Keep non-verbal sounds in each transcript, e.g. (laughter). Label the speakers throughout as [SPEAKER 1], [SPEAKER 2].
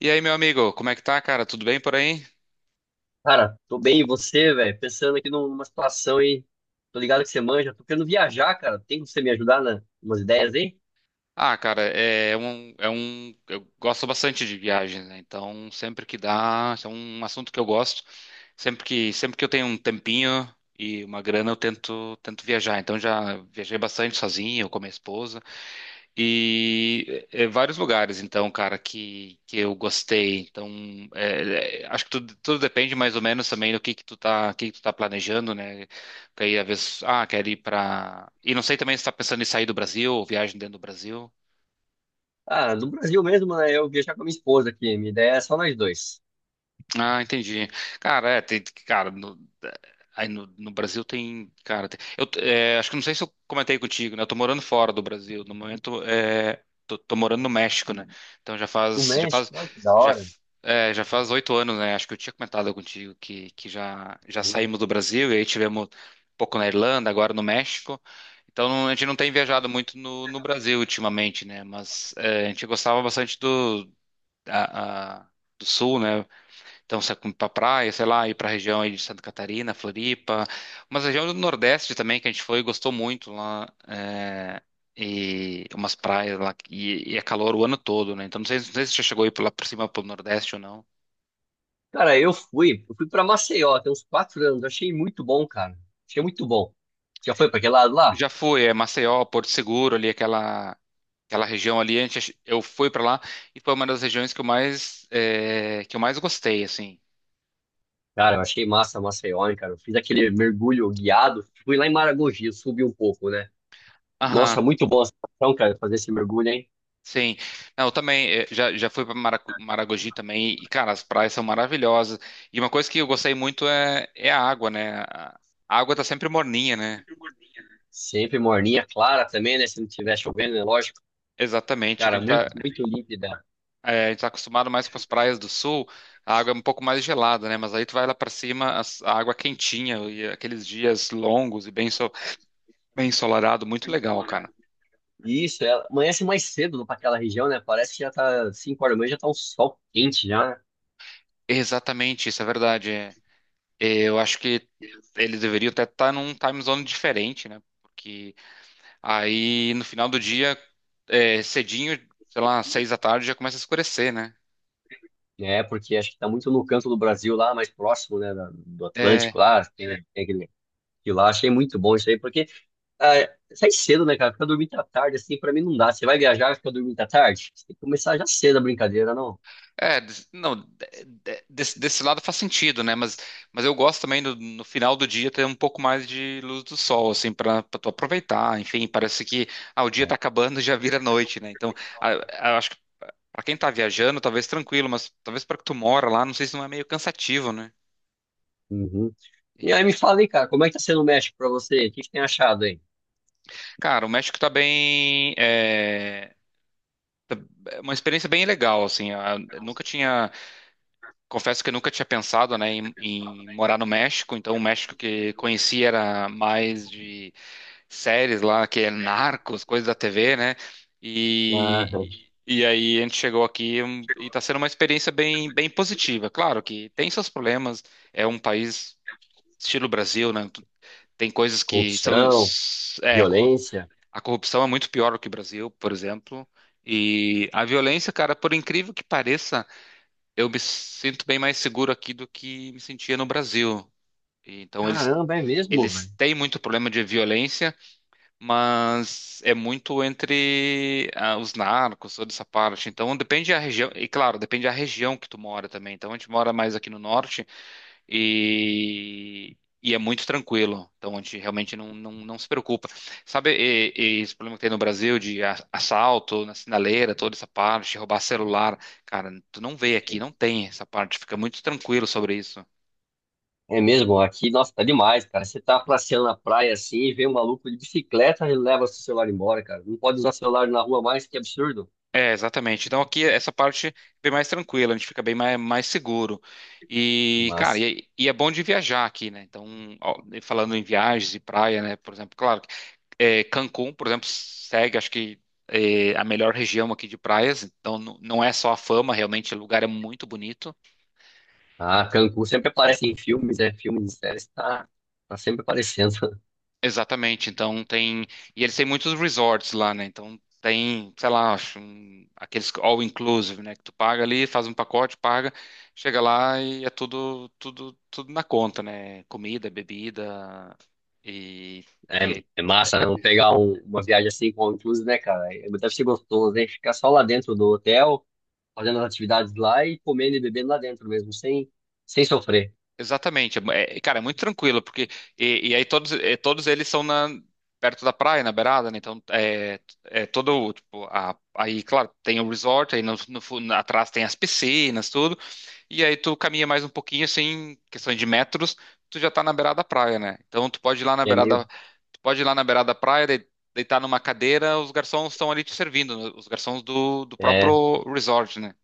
[SPEAKER 1] E aí, meu amigo, como é que tá, cara? Tudo bem por aí?
[SPEAKER 2] Cara, tô bem, e você, velho? Pensando aqui numa situação aí. Tô ligado que você manja. Tô querendo viajar, cara. Tem como você me ajudar nas umas ideias aí?
[SPEAKER 1] Ah, cara, eu gosto bastante de viagens, né? Então, sempre que dá, isso é um assunto que eu gosto. Sempre que eu tenho um tempinho e uma grana, eu tento viajar. Então, já viajei bastante sozinho, com a minha esposa. E vários lugares, então, cara, que eu gostei. Então, acho que tudo depende mais ou menos também do que tu tá, o que que tu tá planejando, né? Porque aí, às vezes, quero ir pra... E não sei também se tá pensando em sair do Brasil, ou viagem dentro do Brasil.
[SPEAKER 2] Ah, no Brasil mesmo, né? Eu viajar com a minha esposa aqui. Minha ideia é só nós dois.
[SPEAKER 1] Ah, entendi. Cara, é, tem, cara, no, é, aí no, no Brasil tem, cara, tem- eu é, acho que não sei se eu comentei contigo, né? Eu tô morando fora do Brasil, no momento tô morando no México, né? Então
[SPEAKER 2] No México, olha que da
[SPEAKER 1] já,
[SPEAKER 2] hora.
[SPEAKER 1] já faz 8 anos, né? Acho que eu tinha comentado contigo que já saímos do Brasil e aí tivemos um pouco na Irlanda, agora no México. Então a gente não tem viajado muito no Brasil ultimamente, né? Mas é, a gente gostava bastante a, a- do Sul, né? Então, você ir para praia, sei lá, ir para a região aí de Santa Catarina, Floripa, umas regiões do Nordeste também que a gente foi e gostou muito lá. E umas praias lá, e é calor o ano todo, né? Então, não sei se você chegou aí por lá por cima, pro Nordeste ou não.
[SPEAKER 2] Cara, eu fui. Eu fui pra Maceió, tem uns 4 anos. Achei muito bom, cara. Achei muito bom. Já foi pra aquele lado lá?
[SPEAKER 1] Já fui, é Maceió, Porto Seguro, ali aquela região ali. Eu fui para lá e foi uma das regiões que eu mais gostei, assim.
[SPEAKER 2] Cara, eu achei massa Maceió, hein, cara. Eu fiz aquele mergulho guiado. Fui lá em Maragogi, eu subi um pouco, né? Nossa,
[SPEAKER 1] Aham.
[SPEAKER 2] muito bom essa sensação, cara, fazer esse mergulho, hein?
[SPEAKER 1] Sim. Não, eu também já fui para Maragogi também e, cara, as praias são maravilhosas. E uma coisa que eu gostei muito é a água, né? A água tá sempre morninha, né?
[SPEAKER 2] Sempre morninha, clara também, né? Se não tiver chovendo, é lógico.
[SPEAKER 1] Exatamente, o que a
[SPEAKER 2] Cara,
[SPEAKER 1] gente tá,
[SPEAKER 2] muito, muito límpida.
[SPEAKER 1] eh, a gente tá acostumado mais com as praias do sul, a água é um pouco mais gelada, né? Mas aí tu vai lá para cima, a água é quentinha e aqueles dias longos e bem ensolarado, muito legal, cara.
[SPEAKER 2] E isso, ela amanhece mais cedo para aquela região, né? Parece que já tá 5 horas da manhã, já tá um sol quente já, né?
[SPEAKER 1] Exatamente, isso é verdade. Eu acho que eles deveriam até estar num time zone diferente, né? Aí no final do dia, cedinho, sei lá, 6 da tarde já começa a escurecer, né?
[SPEAKER 2] É, porque acho que tá muito no canto do Brasil lá, mais próximo, né? Do
[SPEAKER 1] É,
[SPEAKER 2] Atlântico lá, tem, né, tem aquele... E lá achei muito bom isso aí, porque ah, sai cedo, né, cara? Ficar dormindo à tarde, assim, pra mim não dá. Você vai viajar, fica dormindo à tarde? Você tem que começar já cedo a brincadeira, não?
[SPEAKER 1] é, des- não, de- desse, desse lado faz sentido, né? Mas eu gosto também no final do dia ter um pouco mais de luz do sol, assim, pra tu aproveitar. Enfim, parece que o dia tá acabando (laughs) e já vira noite, né? Então, a- acho que pra quem tá viajando, talvez tranquilo, mas talvez pra que tu mora lá, não sei se não é meio cansativo, né?
[SPEAKER 2] Uhum. E
[SPEAKER 1] E,
[SPEAKER 2] aí me fala aí, cara, como é que tá sendo o México pra você? O que que tem achado aí?
[SPEAKER 1] cara, o México tá bem. É uma experiência bem legal, assim. A- nunca tinha, Confesso que eu nunca tinha pensado, né, em morar no México. Então, o México que conheci era mais de séries lá, que é Narcos, coisas da TV, né?
[SPEAKER 2] Ah,
[SPEAKER 1] E, e aí a gente chegou aqui e está sendo uma experiência bem positiva. Claro que tem seus problemas, é um país estilo Brasil, né? Tem coisas que são,
[SPEAKER 2] corrupção,
[SPEAKER 1] é, corrup-
[SPEAKER 2] violência.
[SPEAKER 1] a corrupção é muito pior do que o Brasil, por exemplo. E a violência, cara, por incrível que pareça, eu me sinto bem mais seguro aqui do que me sentia no Brasil. Então,
[SPEAKER 2] Caramba, é mesmo,
[SPEAKER 1] eles
[SPEAKER 2] velho.
[SPEAKER 1] têm muito problema de violência, mas é muito entre os narcos, toda essa parte. Então depende da região, e claro, depende da região que tu mora também. Então a gente mora mais aqui no norte e, e é muito tranquilo. Então a gente realmente não se preocupa. Sabe e esse problema que tem no Brasil de assalto na sinaleira, toda essa parte, roubar celular? Cara, tu não vê aqui, não tem essa parte, fica muito tranquilo sobre isso.
[SPEAKER 2] É mesmo, aqui, nossa, tá demais, cara. Você tá passeando na praia assim e vê um maluco de bicicleta e leva seu celular embora, cara. Não pode usar celular na rua mais, que absurdo.
[SPEAKER 1] É, exatamente. Então aqui essa parte é bem mais tranquila, a gente fica bem mais, mais seguro.
[SPEAKER 2] Que
[SPEAKER 1] E, cara,
[SPEAKER 2] massa.
[SPEAKER 1] e é bom de viajar aqui, né? Então, ó, falando em viagens e praia, né? Por exemplo, claro, Cancún, por exemplo, segue, acho que é a melhor região aqui de praias. Então, não é só a fama, realmente, o lugar é muito bonito.
[SPEAKER 2] Ah, Cancún sempre aparece em filmes, é filmes de séries, tá, tá sempre aparecendo. (laughs)
[SPEAKER 1] Exatamente, então tem. E eles têm muitos resorts lá, né? Então tem, sei lá, acho, aqueles all inclusive, né? Que tu paga ali, faz um pacote, paga, chega lá e é tudo na conta, né? Comida, bebida e,
[SPEAKER 2] É,
[SPEAKER 1] e é-
[SPEAKER 2] é massa, né? Vamos pegar uma viagem assim com inclusive, né, cara? É, deve ser gostoso, né? Ficar só lá dentro do hotel, fazendo as atividades lá e comendo e bebendo lá dentro mesmo, sem, sem sofrer.
[SPEAKER 1] exatamente. Cara, é muito tranquilo, porque e aí todos eles são perto da praia, na beirada, né? Então é todo, tipo, aí, claro, tem o resort, aí no, no fu- atrás tem as piscinas, tudo. E aí tu caminha mais um pouquinho, assim, questão de metros, tu já tá na beirada da praia, né? Então tu pode ir lá na
[SPEAKER 2] É meio.
[SPEAKER 1] beirada, tu pode ir lá na beirada da praia, deitar numa cadeira, os garçons estão ali te servindo, né? Os garçons do
[SPEAKER 2] É
[SPEAKER 1] próprio resort, né?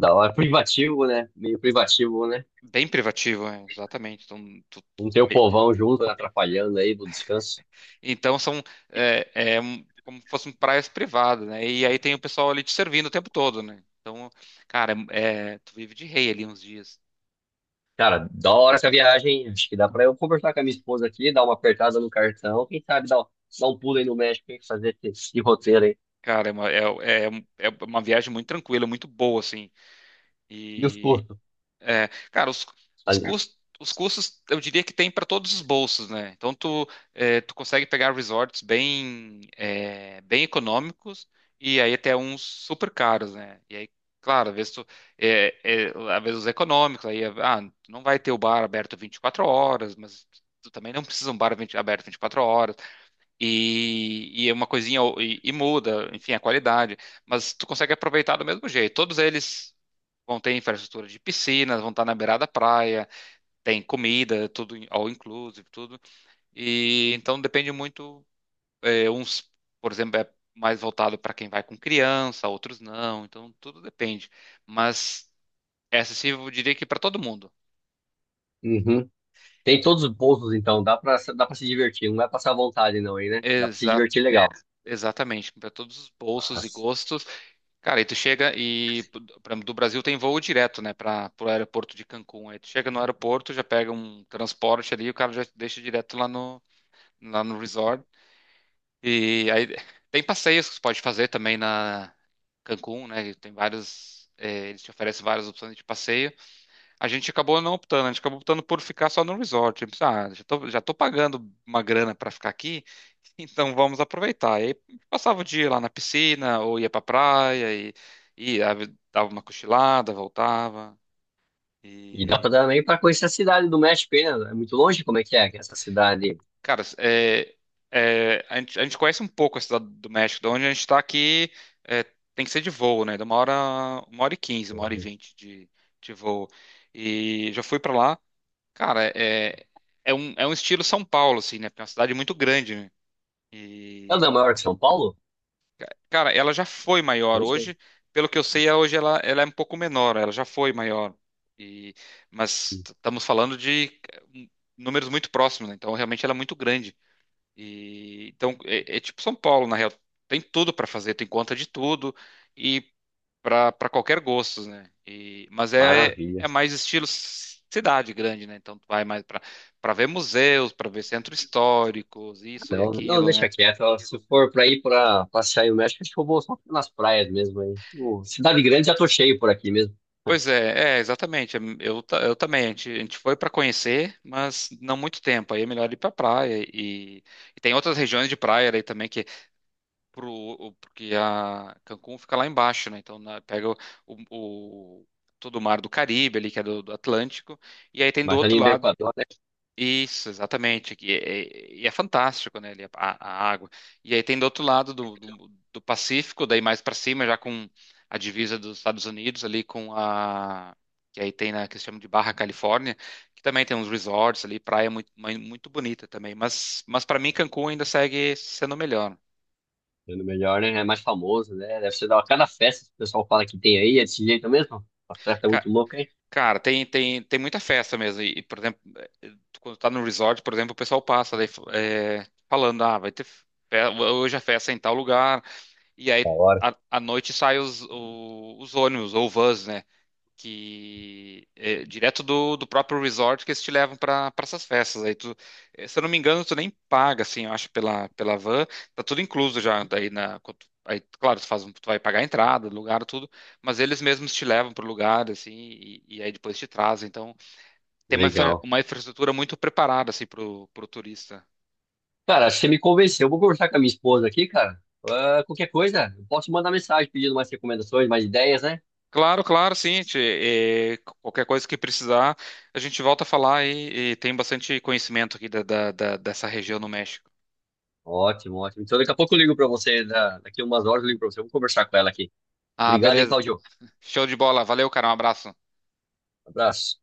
[SPEAKER 2] da hora, privativo, né? Meio privativo, né?
[SPEAKER 1] Bem privativo, é, exatamente. Então, tu-
[SPEAKER 2] Não ter o
[SPEAKER 1] me-
[SPEAKER 2] povão junto, né, atrapalhando aí do descanso.
[SPEAKER 1] então são é, é como se fossem praias privadas, né? E aí tem o pessoal ali te servindo o tempo todo, né? Então, cara, tu vive de rei ali uns dias.
[SPEAKER 2] Cara, da hora essa viagem. Acho que dá pra eu conversar com a minha esposa aqui, dar uma apertada no cartão. Quem sabe dar, dar um pulo aí no México, hein? Fazer esse, esse roteiro aí.
[SPEAKER 1] Cara, é uma, é uma viagem muito tranquila, muito boa, assim.
[SPEAKER 2] E os
[SPEAKER 1] E,
[SPEAKER 2] custos?
[SPEAKER 1] É, cara,
[SPEAKER 2] Ali.
[SPEAKER 1] os custos eu diria que tem para todos os bolsos, né? Então tu consegue pegar resorts bem econômicos e aí até uns super caros, né? E aí, claro, às vezes é, é, às vezes os econômicos, aí, tu não vai ter o bar aberto 24 horas, mas tu também não (laughs) precisa de um bar 20 aberto 24 horas. E é uma coisinha, e muda, enfim, a qualidade. Mas tu consegue aproveitar do mesmo jeito. Todos eles. Vão ter infraestrutura de piscinas, vão estar na beirada da praia, tem comida, tudo all inclusive, tudo. E então depende muito, é, uns, por exemplo, é mais voltado para quem vai com criança, outros não, então tudo depende. Mas é acessível, eu diria que para todo mundo.
[SPEAKER 2] Uhum. Tem todos os bolsos, então. Dá pra se divertir. Não vai passar vontade, não, aí, né? Dá pra se
[SPEAKER 1] Exa-
[SPEAKER 2] divertir legal.
[SPEAKER 1] Exatamente, para todos os bolsos e
[SPEAKER 2] Mas...
[SPEAKER 1] gostos. Cara, aí tu chega e por exemplo, do Brasil tem voo direto, né, para o aeroporto de Cancún. Aí tu chega no aeroporto, já pega um transporte ali, o cara já te deixa direto lá no resort. E aí tem passeios que você pode fazer também na Cancún, né? Tem vários, eles te oferecem várias opções de passeio. A gente acabou não optando, a gente acabou optando por ficar só no resort. Tipo, ah, já tô pagando uma grana para ficar aqui, (laughs) então vamos aproveitar. E aí passava o dia lá na piscina ou ia pra praia e ah, dava uma cochilada, voltava.
[SPEAKER 2] E dá pra
[SPEAKER 1] e
[SPEAKER 2] também pra conhecer a cidade do México, hein, né? É muito longe? Como é que é essa cidade?
[SPEAKER 1] Cara, a gente conhece um pouco a cidade do México, de onde a gente está aqui, é, tem que ser de voo, né? De uma hora, 1 hora e 15, 1 hora e 20 de voo. E já fui para lá, cara, é um estilo São Paulo, assim, né? Porque é uma cidade muito grande, né?
[SPEAKER 2] Ela é
[SPEAKER 1] E,
[SPEAKER 2] da maior que São Paulo?
[SPEAKER 1] cara, ela já foi maior
[SPEAKER 2] É isso
[SPEAKER 1] hoje, pelo que eu sei, hoje ela é um pouco menor, ela já foi maior. E, mas
[SPEAKER 2] aí.
[SPEAKER 1] estamos falando de eh, números muito próximos, né? Então realmente ela é muito grande. E, então, é tipo São Paulo, na real. Tem tudo para fazer, tem conta de tudo e para qualquer gosto, né? E, mas
[SPEAKER 2] Maravilha.
[SPEAKER 1] é mais estilo cidade grande, né? Então, tu vai mais para ver museus, para ver centros históricos, isso e
[SPEAKER 2] Não, não,
[SPEAKER 1] aquilo,
[SPEAKER 2] deixa
[SPEAKER 1] né?
[SPEAKER 2] quieto. Ó, se for pra ir pra passear aí no México, acho que eu vou só nas praias mesmo aí. O Cidade Grande já tô cheio por aqui mesmo.
[SPEAKER 1] Pois é, é exatamente. Eu também. A gente foi para conhecer, mas não muito tempo. Aí é melhor ir para praia. E tem outras regiões de praia aí também que porque a Cancún fica lá embaixo, né? Então pega o- o- todo o mar do Caribe ali, que é do Atlântico, e aí tem do
[SPEAKER 2] Mas
[SPEAKER 1] outro
[SPEAKER 2] ali no
[SPEAKER 1] lado.
[SPEAKER 2] Equador, né?
[SPEAKER 1] Isso, exatamente. E é fantástico, né? Ali a água. E aí tem do outro lado do Pacífico, daí mais para cima, já com a divisa dos Estados Unidos ali com a que aí tem na que se chama de Barra Califórnia, que também tem uns resorts ali, praia muito, muito bonita também. Mas para mim Cancún ainda segue sendo o melhor.
[SPEAKER 2] Sendo melhor, né? É mais famoso, né? Deve ser da cada festa que o pessoal fala que tem aí, é desse jeito mesmo. A festa é muito louca, hein?
[SPEAKER 1] Cara, tem muita festa mesmo. E, por exemplo, quando tá no resort, por exemplo, o pessoal passa daí, falando, ah, hoje a festa é em tal lugar. E aí,
[SPEAKER 2] Da hora.
[SPEAKER 1] à noite saem os ônibus ou vans, né? Que é direto do próprio resort que eles te levam para essas festas. Aí tu, se eu não me engano, tu nem paga, assim, eu acho, pela van, tá tudo incluso já. Daí na, quando tu- aí, claro, tu vai pagar a entrada, lugar, tudo, mas eles mesmos te levam pro lugar, assim, e aí depois te trazem. Então, tem
[SPEAKER 2] Legal.
[SPEAKER 1] uma infraestrutura muito preparada, assim, pro turista.
[SPEAKER 2] Cara, acho que você me convenceu. Eu vou conversar com a minha esposa aqui, cara. Ah, qualquer coisa, eu posso mandar mensagem pedindo mais recomendações, mais ideias, né?
[SPEAKER 1] Claro, claro, sim. Qualquer coisa que precisar, a gente volta a falar e tem bastante conhecimento aqui dessa região no México.
[SPEAKER 2] Ótimo, ótimo. Então daqui a pouco eu ligo pra você, daqui a umas horas eu ligo pra você. Eu vou conversar com ela aqui.
[SPEAKER 1] Ah,
[SPEAKER 2] Obrigado, hein,
[SPEAKER 1] beleza.
[SPEAKER 2] Claudio.
[SPEAKER 1] Show de bola. Valeu, cara. Um abraço.
[SPEAKER 2] Abraço.